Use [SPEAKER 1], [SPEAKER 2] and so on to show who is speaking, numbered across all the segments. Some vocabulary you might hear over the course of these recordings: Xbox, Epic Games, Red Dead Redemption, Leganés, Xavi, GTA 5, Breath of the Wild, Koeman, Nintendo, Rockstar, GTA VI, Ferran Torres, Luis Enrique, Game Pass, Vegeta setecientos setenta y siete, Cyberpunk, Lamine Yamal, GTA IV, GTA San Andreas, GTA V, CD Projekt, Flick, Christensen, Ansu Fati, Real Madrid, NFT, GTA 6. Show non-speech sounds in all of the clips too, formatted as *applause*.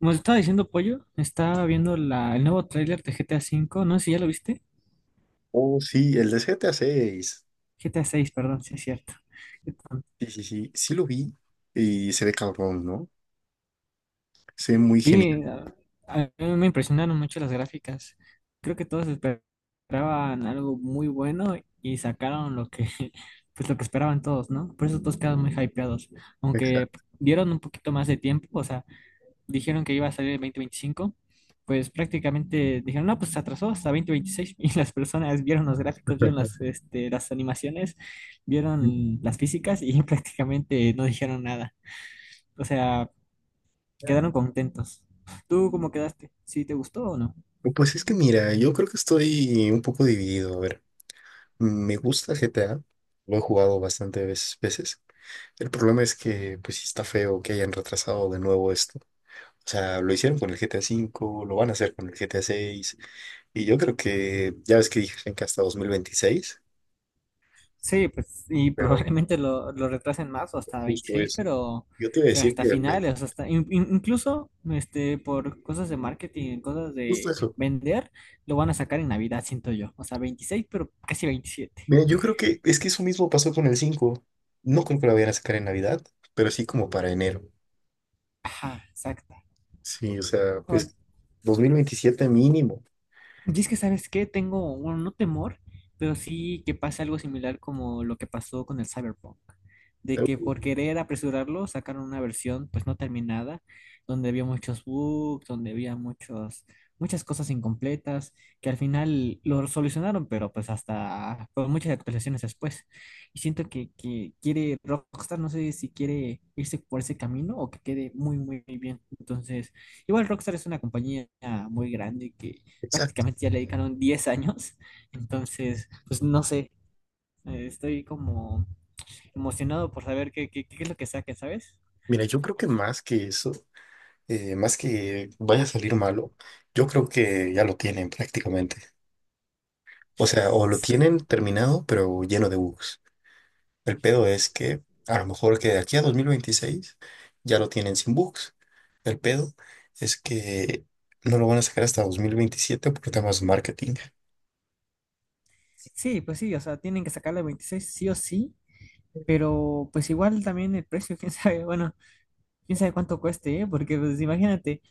[SPEAKER 1] Como te estaba diciendo, Pollo, estaba viendo el nuevo tráiler de GTA V, no sé si ya lo viste.
[SPEAKER 2] Oh, sí, el de GTA 6.
[SPEAKER 1] GTA VI, perdón, sí es cierto. Qué tonto.
[SPEAKER 2] Sí, sí, sí, sí lo vi y se ve cabrón, ¿no? Se ve muy genial.
[SPEAKER 1] Sí, a mí me impresionaron mucho las gráficas. Creo que todos esperaban algo muy bueno y sacaron *laughs* pues lo que esperaban todos, ¿no? Por eso todos quedaron muy hypeados. Aunque
[SPEAKER 2] Exacto.
[SPEAKER 1] dieron un poquito más de tiempo, o sea, dijeron que iba a salir el 2025. Pues prácticamente dijeron, no, pues se atrasó hasta 2026 *laughs* y las personas vieron los gráficos, vieron las,
[SPEAKER 2] *laughs*
[SPEAKER 1] este, las animaciones, vieron las físicas y *laughs* prácticamente no dijeron nada. O sea, quedaron contentos. ¿Tú cómo quedaste? ¿Sí te gustó o no?
[SPEAKER 2] Pues es que mira, yo creo que estoy un poco dividido. A ver, me gusta GTA, lo he jugado bastante veces. El problema es que, pues sí está feo que hayan retrasado de nuevo esto. O sea, lo hicieron con el GTA 5, lo van a hacer con el GTA 6, y yo creo que, ya ves que dije que hasta 2026,
[SPEAKER 1] Sí, pues, y
[SPEAKER 2] pero
[SPEAKER 1] probablemente lo retrasen más o hasta
[SPEAKER 2] justo
[SPEAKER 1] 26,
[SPEAKER 2] eso. Yo te iba a
[SPEAKER 1] pero
[SPEAKER 2] decir
[SPEAKER 1] hasta
[SPEAKER 2] que el 20,
[SPEAKER 1] finales, o sea, hasta incluso por cosas de marketing, cosas
[SPEAKER 2] justo
[SPEAKER 1] de
[SPEAKER 2] eso.
[SPEAKER 1] vender, lo van a sacar en Navidad, siento yo. O sea, 26, pero casi 27.
[SPEAKER 2] Mira, yo creo que es que eso mismo pasó con el 5. No creo que lo vayan a sacar en Navidad, pero sí como para enero.
[SPEAKER 1] Ajá, exacto.
[SPEAKER 2] Sí, o sea, pues 2027 mínimo.
[SPEAKER 1] Y es que, ¿sabes qué? Tengo, bueno, no temor, pero sí que pase algo similar como lo que pasó con el Cyberpunk. De
[SPEAKER 2] Pero,
[SPEAKER 1] que por querer apresurarlo sacaron una versión pues no terminada, donde había muchos bugs, donde había muchos, muchas cosas incompletas, que al final lo solucionaron, pero pues hasta con muchas actualizaciones después. Y siento que quiere Rockstar, no sé si quiere irse por ese camino o que quede muy, muy bien. Entonces. Igual Rockstar es una compañía muy grande que
[SPEAKER 2] exacto.
[SPEAKER 1] prácticamente ya le dedicaron 10 años. Entonces, pues no sé, estoy como emocionado por saber qué es lo que saquen, ¿sabes?
[SPEAKER 2] Mira, yo creo que más que eso, más que vaya a salir malo, yo creo que ya lo tienen prácticamente. O sea, o lo
[SPEAKER 1] S-
[SPEAKER 2] tienen terminado, pero lleno de bugs. El pedo es que a lo mejor que de aquí a 2026 ya lo tienen sin bugs. El pedo es que no lo van a sacar hasta 2027 por temas de marketing.
[SPEAKER 1] Sí, pues sí, o sea, tienen que sacarle 26 sí o sí, pero pues igual también el precio, *laughs* quién sabe, bueno, quién sabe cuánto cueste, ¿eh? Porque pues imagínate.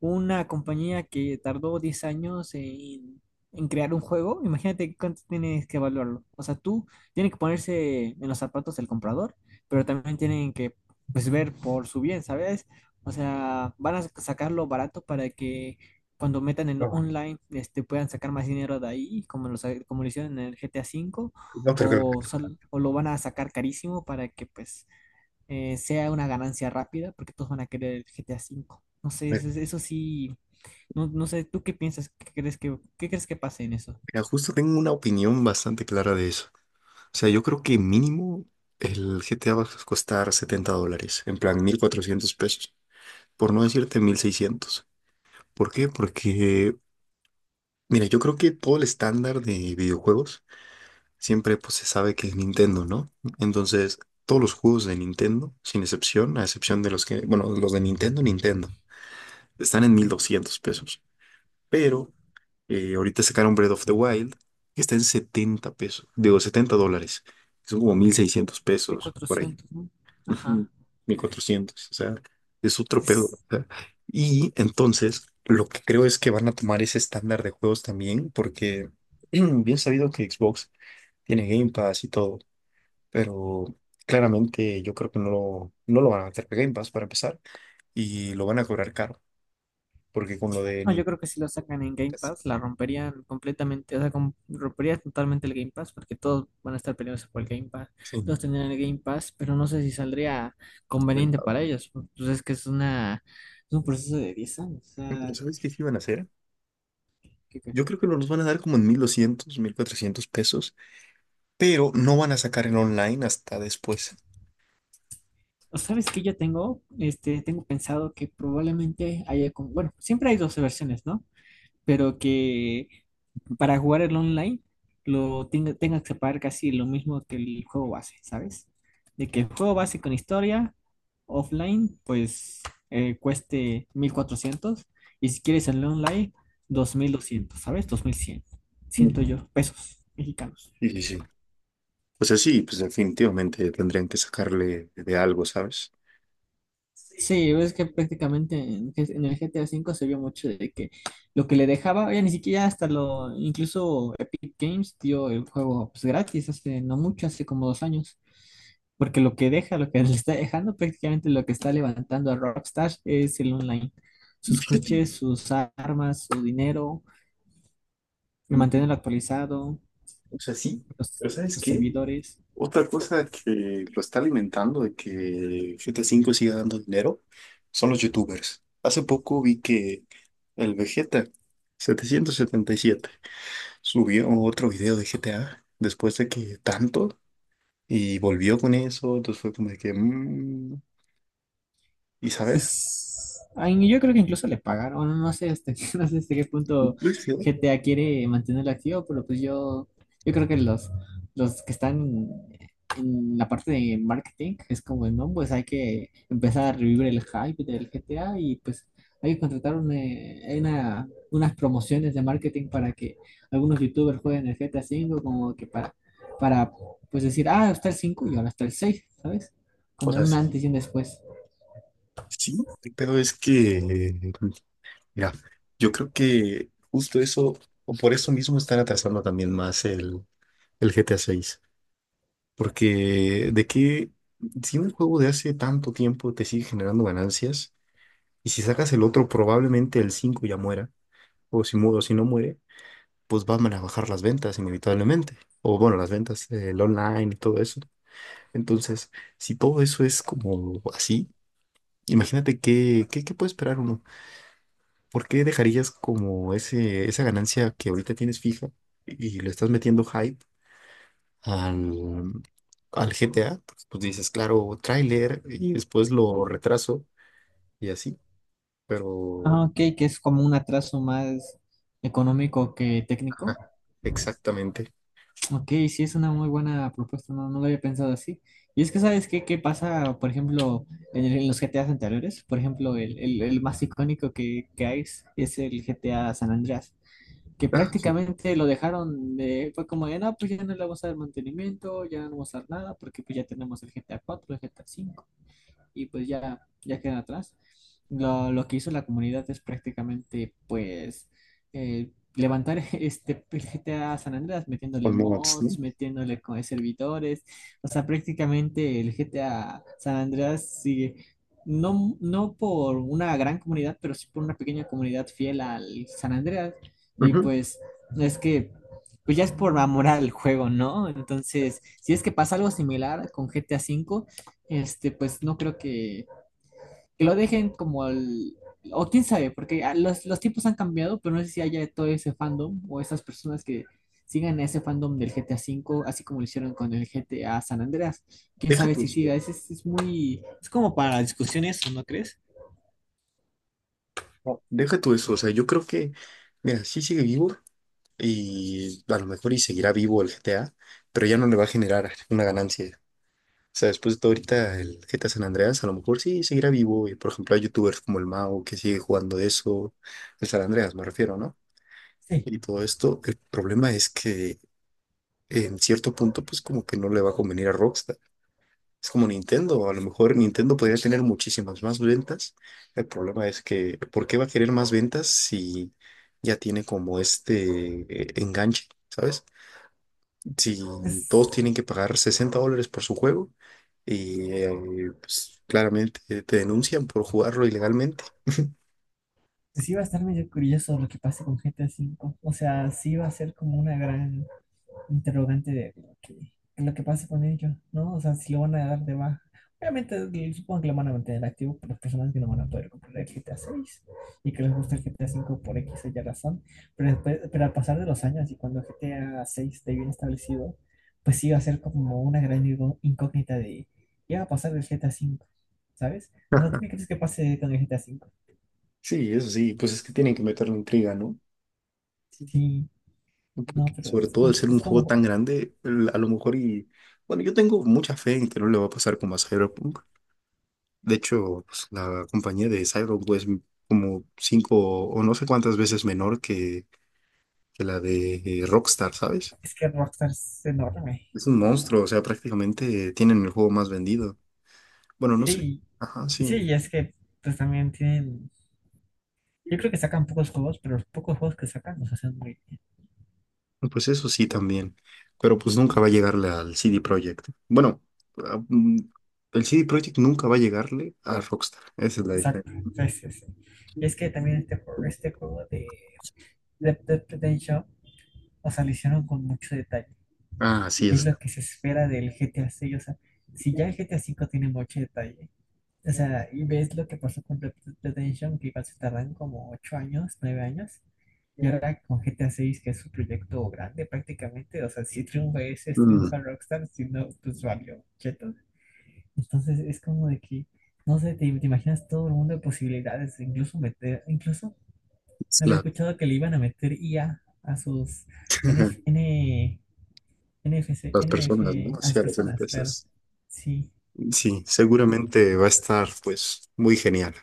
[SPEAKER 1] Una compañía que tardó 10 años en crear un juego, imagínate cuánto tienes que evaluarlo. O sea, tú tienes que ponerse en los zapatos del comprador, pero también tienen que pues ver por su bien, ¿sabes? O sea, van a sacarlo barato para que cuando metan en lo
[SPEAKER 2] No,
[SPEAKER 1] online puedan sacar más dinero de ahí, como como lo hicieron en el GTA cinco,
[SPEAKER 2] no, pero
[SPEAKER 1] o lo van a sacar carísimo para que pues sea una ganancia rápida, porque todos van a querer el GTA V. No sé, eso sí, no, no sé. ¿Tú qué piensas? ¿Qué crees qué crees que pase en eso?
[SPEAKER 2] mira, justo tengo una opinión bastante clara de eso. O sea, yo creo que mínimo el GTA va a costar $70, en plan 1,400 pesos, por no decirte 1,600. ¿Por qué? Porque, mira, yo creo que todo el estándar de videojuegos siempre pues se sabe que es Nintendo, ¿no? Entonces, todos los juegos de Nintendo, sin excepción, a excepción de los que, bueno, los de Nintendo, Nintendo, están en 1,200 pesos. Pero ahorita sacaron Breath of the Wild, que está en 70 pesos, digo, $70. Son como 1600
[SPEAKER 1] mil
[SPEAKER 2] pesos por ahí.
[SPEAKER 1] cuatrocientos ¿no?
[SPEAKER 2] Ujú,
[SPEAKER 1] Ajá,
[SPEAKER 2] 1,400, o sea, es otro pedo.
[SPEAKER 1] pues,
[SPEAKER 2] O sea. Y entonces, lo que creo es que van a tomar ese estándar de juegos también, porque *clears throat* bien sabido que Xbox tiene Game Pass y todo. Pero claramente yo creo que no lo van a meter para Game Pass para empezar y lo van a cobrar caro, porque con lo de
[SPEAKER 1] no, yo
[SPEAKER 2] Nintendo
[SPEAKER 1] creo que si lo sacan en Game
[SPEAKER 2] es
[SPEAKER 1] Pass, la romperían completamente, o sea, rompería totalmente el Game Pass, porque todos van a estar peleados por el Game Pass, todos
[SPEAKER 2] sí,
[SPEAKER 1] tendrían el Game Pass, pero no sé si saldría conveniente
[SPEAKER 2] rentable.
[SPEAKER 1] para ellos. Pues es que es una, es un proceso de 10 años, o
[SPEAKER 2] Pero
[SPEAKER 1] sea,
[SPEAKER 2] ¿sabes qué sí van a hacer?
[SPEAKER 1] ¿qué?
[SPEAKER 2] Yo creo que nos van a dar como en 1,200, 1,400 pesos, pero no van a sacar el online hasta después.
[SPEAKER 1] ¿Sabes qué yo tengo? Tengo pensado que probablemente haya como, bueno, siempre hay dos versiones, ¿no? Pero que para jugar el online tenga que pagar casi lo mismo que el juego base, ¿sabes? De que el juego base con historia offline, pues cueste 1,400, y si quieres el online, 2,200, ¿sabes? 2,100,
[SPEAKER 2] Mm.
[SPEAKER 1] siento yo, pesos mexicanos.
[SPEAKER 2] Sí, sí, sí. O sea, sí, pues definitivamente tendrían que sacarle de algo, ¿sabes?
[SPEAKER 1] Sí, ves que prácticamente en el GTA V se vio mucho de que lo que le dejaba, ya ni siquiera hasta incluso Epic Games dio el juego pues gratis hace no mucho, hace como 2 años, porque lo que *laughs* le está dejando prácticamente lo que está levantando a Rockstar es el online,
[SPEAKER 2] Y
[SPEAKER 1] sus
[SPEAKER 2] fíjate,
[SPEAKER 1] coches, sus armas, su dinero, el mantenerlo actualizado,
[SPEAKER 2] o sea, sí,
[SPEAKER 1] los,
[SPEAKER 2] pero
[SPEAKER 1] los
[SPEAKER 2] ¿sabes qué?
[SPEAKER 1] servidores.
[SPEAKER 2] Otra cosa que lo está alimentando de que GTA 5 siga dando dinero son los youtubers. Hace poco vi que el Vegeta 777 subió otro video de GTA después de que tanto y volvió con eso. Entonces fue como de que, ¿y sabes?
[SPEAKER 1] Pues ay, yo creo que incluso le pagaron, bueno, *laughs* no sé hasta qué punto
[SPEAKER 2] Pues, sí.
[SPEAKER 1] GTA quiere mantenerlo activo, pero pues yo creo que los que están en la parte de marketing es como, no, pues hay que empezar a revivir el hype del GTA y pues hay que contratar unas promociones de marketing para que algunos youtubers jueguen el GTA cinco como que para pues decir, ah, está el 5 y ahora está el seis, ¿sabes?
[SPEAKER 2] O
[SPEAKER 1] Como
[SPEAKER 2] sea,
[SPEAKER 1] un
[SPEAKER 2] sí,
[SPEAKER 1] antes y un después.
[SPEAKER 2] sí, pero es que, mira, yo creo que justo eso, o por eso mismo están atrasando también más el GTA 6. Porque de que si un juego de hace tanto tiempo te sigue generando ganancias, y si sacas el otro, probablemente el 5 ya muera, o si, o si no muere, pues van a bajar las ventas inevitablemente. O bueno, las ventas, el online y todo eso. Entonces, si todo eso es como así, imagínate qué puede esperar uno. ¿Por qué dejarías como ese, esa ganancia que ahorita tienes fija y le estás metiendo hype al, al GTA, porque, pues dices, claro, tráiler y después lo retraso y así?
[SPEAKER 1] Ah,
[SPEAKER 2] Pero,
[SPEAKER 1] ok, que es como un atraso más económico que técnico.
[SPEAKER 2] ajá, exactamente.
[SPEAKER 1] Ok, sí, es una muy buena propuesta, no, no lo había pensado así. Y es que, ¿sabes qué, qué pasa, por ejemplo, en los GTAs anteriores? Por ejemplo, el más icónico que hay es el GTA San Andreas, que
[SPEAKER 2] Ah, sí,
[SPEAKER 1] prácticamente lo dejaron de, fue como de, no, pues ya no le vamos a dar mantenimiento, ya no vamos a dar nada, porque pues ya tenemos el GTA cuatro, el GTA cinco y pues ya quedan atrás. Lo que hizo la comunidad es prácticamente pues levantar *laughs* este GTA San Andreas metiéndole
[SPEAKER 2] con mods, ¿no?
[SPEAKER 1] mods, metiéndole servidores, o sea, prácticamente el GTA San Andreas sigue. No, no por una gran comunidad, pero sí por una pequeña comunidad fiel al San Andreas. Y
[SPEAKER 2] Ujú.
[SPEAKER 1] pues es que pues ya es por amor al juego, ¿no? Entonces, si es que pasa algo similar con GTA V, pues no creo que lo dejen o quién sabe, porque los tiempos han cambiado, pero no sé si haya todo ese fandom o esas personas que sigan ese fandom del GTA V, así como lo hicieron con el GTA San Andreas. Quién
[SPEAKER 2] Deja
[SPEAKER 1] sabe
[SPEAKER 2] tu
[SPEAKER 1] si
[SPEAKER 2] eso,
[SPEAKER 1] siga, es como para discusiones, ¿no crees?
[SPEAKER 2] no, deja tu eso, o sea, yo creo que, mira, sí sigue vivo y a lo mejor y seguirá vivo el GTA, pero ya no le va a generar una ganancia. O sea, después de todo ahorita el GTA San Andreas, a lo mejor sí seguirá vivo. Y por ejemplo, hay youtubers como el Mao que sigue jugando eso. El San Andreas, me refiero, ¿no?
[SPEAKER 1] Sí,
[SPEAKER 2] Y todo esto. El problema es que en cierto punto, pues como que no le va a convenir a Rockstar. Es como Nintendo, a lo mejor Nintendo podría tener muchísimas más ventas. El problema es que, ¿por qué va a querer más ventas si ya tiene como este enganche, ¿sabes? Si
[SPEAKER 1] pues,
[SPEAKER 2] todos tienen que pagar $60 por su juego y pues, claramente te denuncian por jugarlo ilegalmente.
[SPEAKER 1] pues sí va a estar medio curioso lo que pase con GTA V. O sea, sí va a ser como una gran interrogante de lo que pase con ellos, ¿no? O sea, si lo van a dar de baja. Obviamente, supongo que lo van a mantener activo por las personas que no van a poder comprar el GTA 6 y que les gusta el GTA cinco por X o Y razón. Pero, después, pero al pasar de los años y cuando el GTA 6 esté bien establecido, pues sí va a ser como una gran incógnita de qué va a pasar del GTA cinco, ¿sabes? O sea, ¿tú
[SPEAKER 2] *laughs*
[SPEAKER 1] qué crees que pase con el GTA cinco?
[SPEAKER 2] Sí, eso sí, pues es que tienen que meterle intriga, ¿no?
[SPEAKER 1] Sí,
[SPEAKER 2] ¿No?
[SPEAKER 1] no,
[SPEAKER 2] Porque
[SPEAKER 1] pero
[SPEAKER 2] sobre
[SPEAKER 1] es
[SPEAKER 2] todo
[SPEAKER 1] que
[SPEAKER 2] al
[SPEAKER 1] es,
[SPEAKER 2] ser un
[SPEAKER 1] es
[SPEAKER 2] juego
[SPEAKER 1] como,
[SPEAKER 2] tan grande, a lo mejor y... Bueno, yo tengo mucha fe en que no le va a pasar como a Cyberpunk. De hecho, pues, la compañía de Cyberpunk es como cinco o no sé cuántas veces menor que la de Rockstar, ¿sabes?
[SPEAKER 1] es que Rockstar es enorme.
[SPEAKER 2] Es un monstruo, o sea, prácticamente tienen el juego más vendido. Bueno, no sé.
[SPEAKER 1] Sí,
[SPEAKER 2] Ajá,
[SPEAKER 1] sí,
[SPEAKER 2] sí.
[SPEAKER 1] y es que pues también tienen, yo creo que sacan pocos juegos, pero los pocos juegos que sacan los hacen muy
[SPEAKER 2] Pues eso sí también. Pero pues nunca va a llegarle al CD Projekt. Bueno, a- mm, el CD Projekt nunca va a llegarle a Rockstar. Esa es la
[SPEAKER 1] exacto.
[SPEAKER 2] diferencia.
[SPEAKER 1] Sí, sí, sí. Y es que también este juego de Red Dead Redemption, o sea, lo hicieron con mucho detalle.
[SPEAKER 2] Ah, así
[SPEAKER 1] Y es
[SPEAKER 2] es.
[SPEAKER 1] lo que se espera del G GTA seis, o sea, si ya el G GTA cinco tiene mucho detalle, o sea, y ves lo que pasó con Red Dead Redemption, que igual se tardan como 8 años, 9 años, y ahora con G GTA 6 que es su proyecto grande prácticamente, o sea, si triunfa ese, es
[SPEAKER 2] Mm,
[SPEAKER 1] triunfa Rockstar, si no, pues valió, cheto. Entonces es como de que, no sé, te imaginas todo el mundo de posibilidades, incluso
[SPEAKER 2] es
[SPEAKER 1] había
[SPEAKER 2] la-
[SPEAKER 1] escuchado que le iban a meter i a sus n f
[SPEAKER 2] *laughs*
[SPEAKER 1] N, n f c
[SPEAKER 2] las
[SPEAKER 1] n f
[SPEAKER 2] personas, ¿no?
[SPEAKER 1] a las
[SPEAKER 2] Hacia los
[SPEAKER 1] personas, claro.
[SPEAKER 2] NPCs.
[SPEAKER 1] Sí,
[SPEAKER 2] Sí, seguramente va a estar pues muy genial.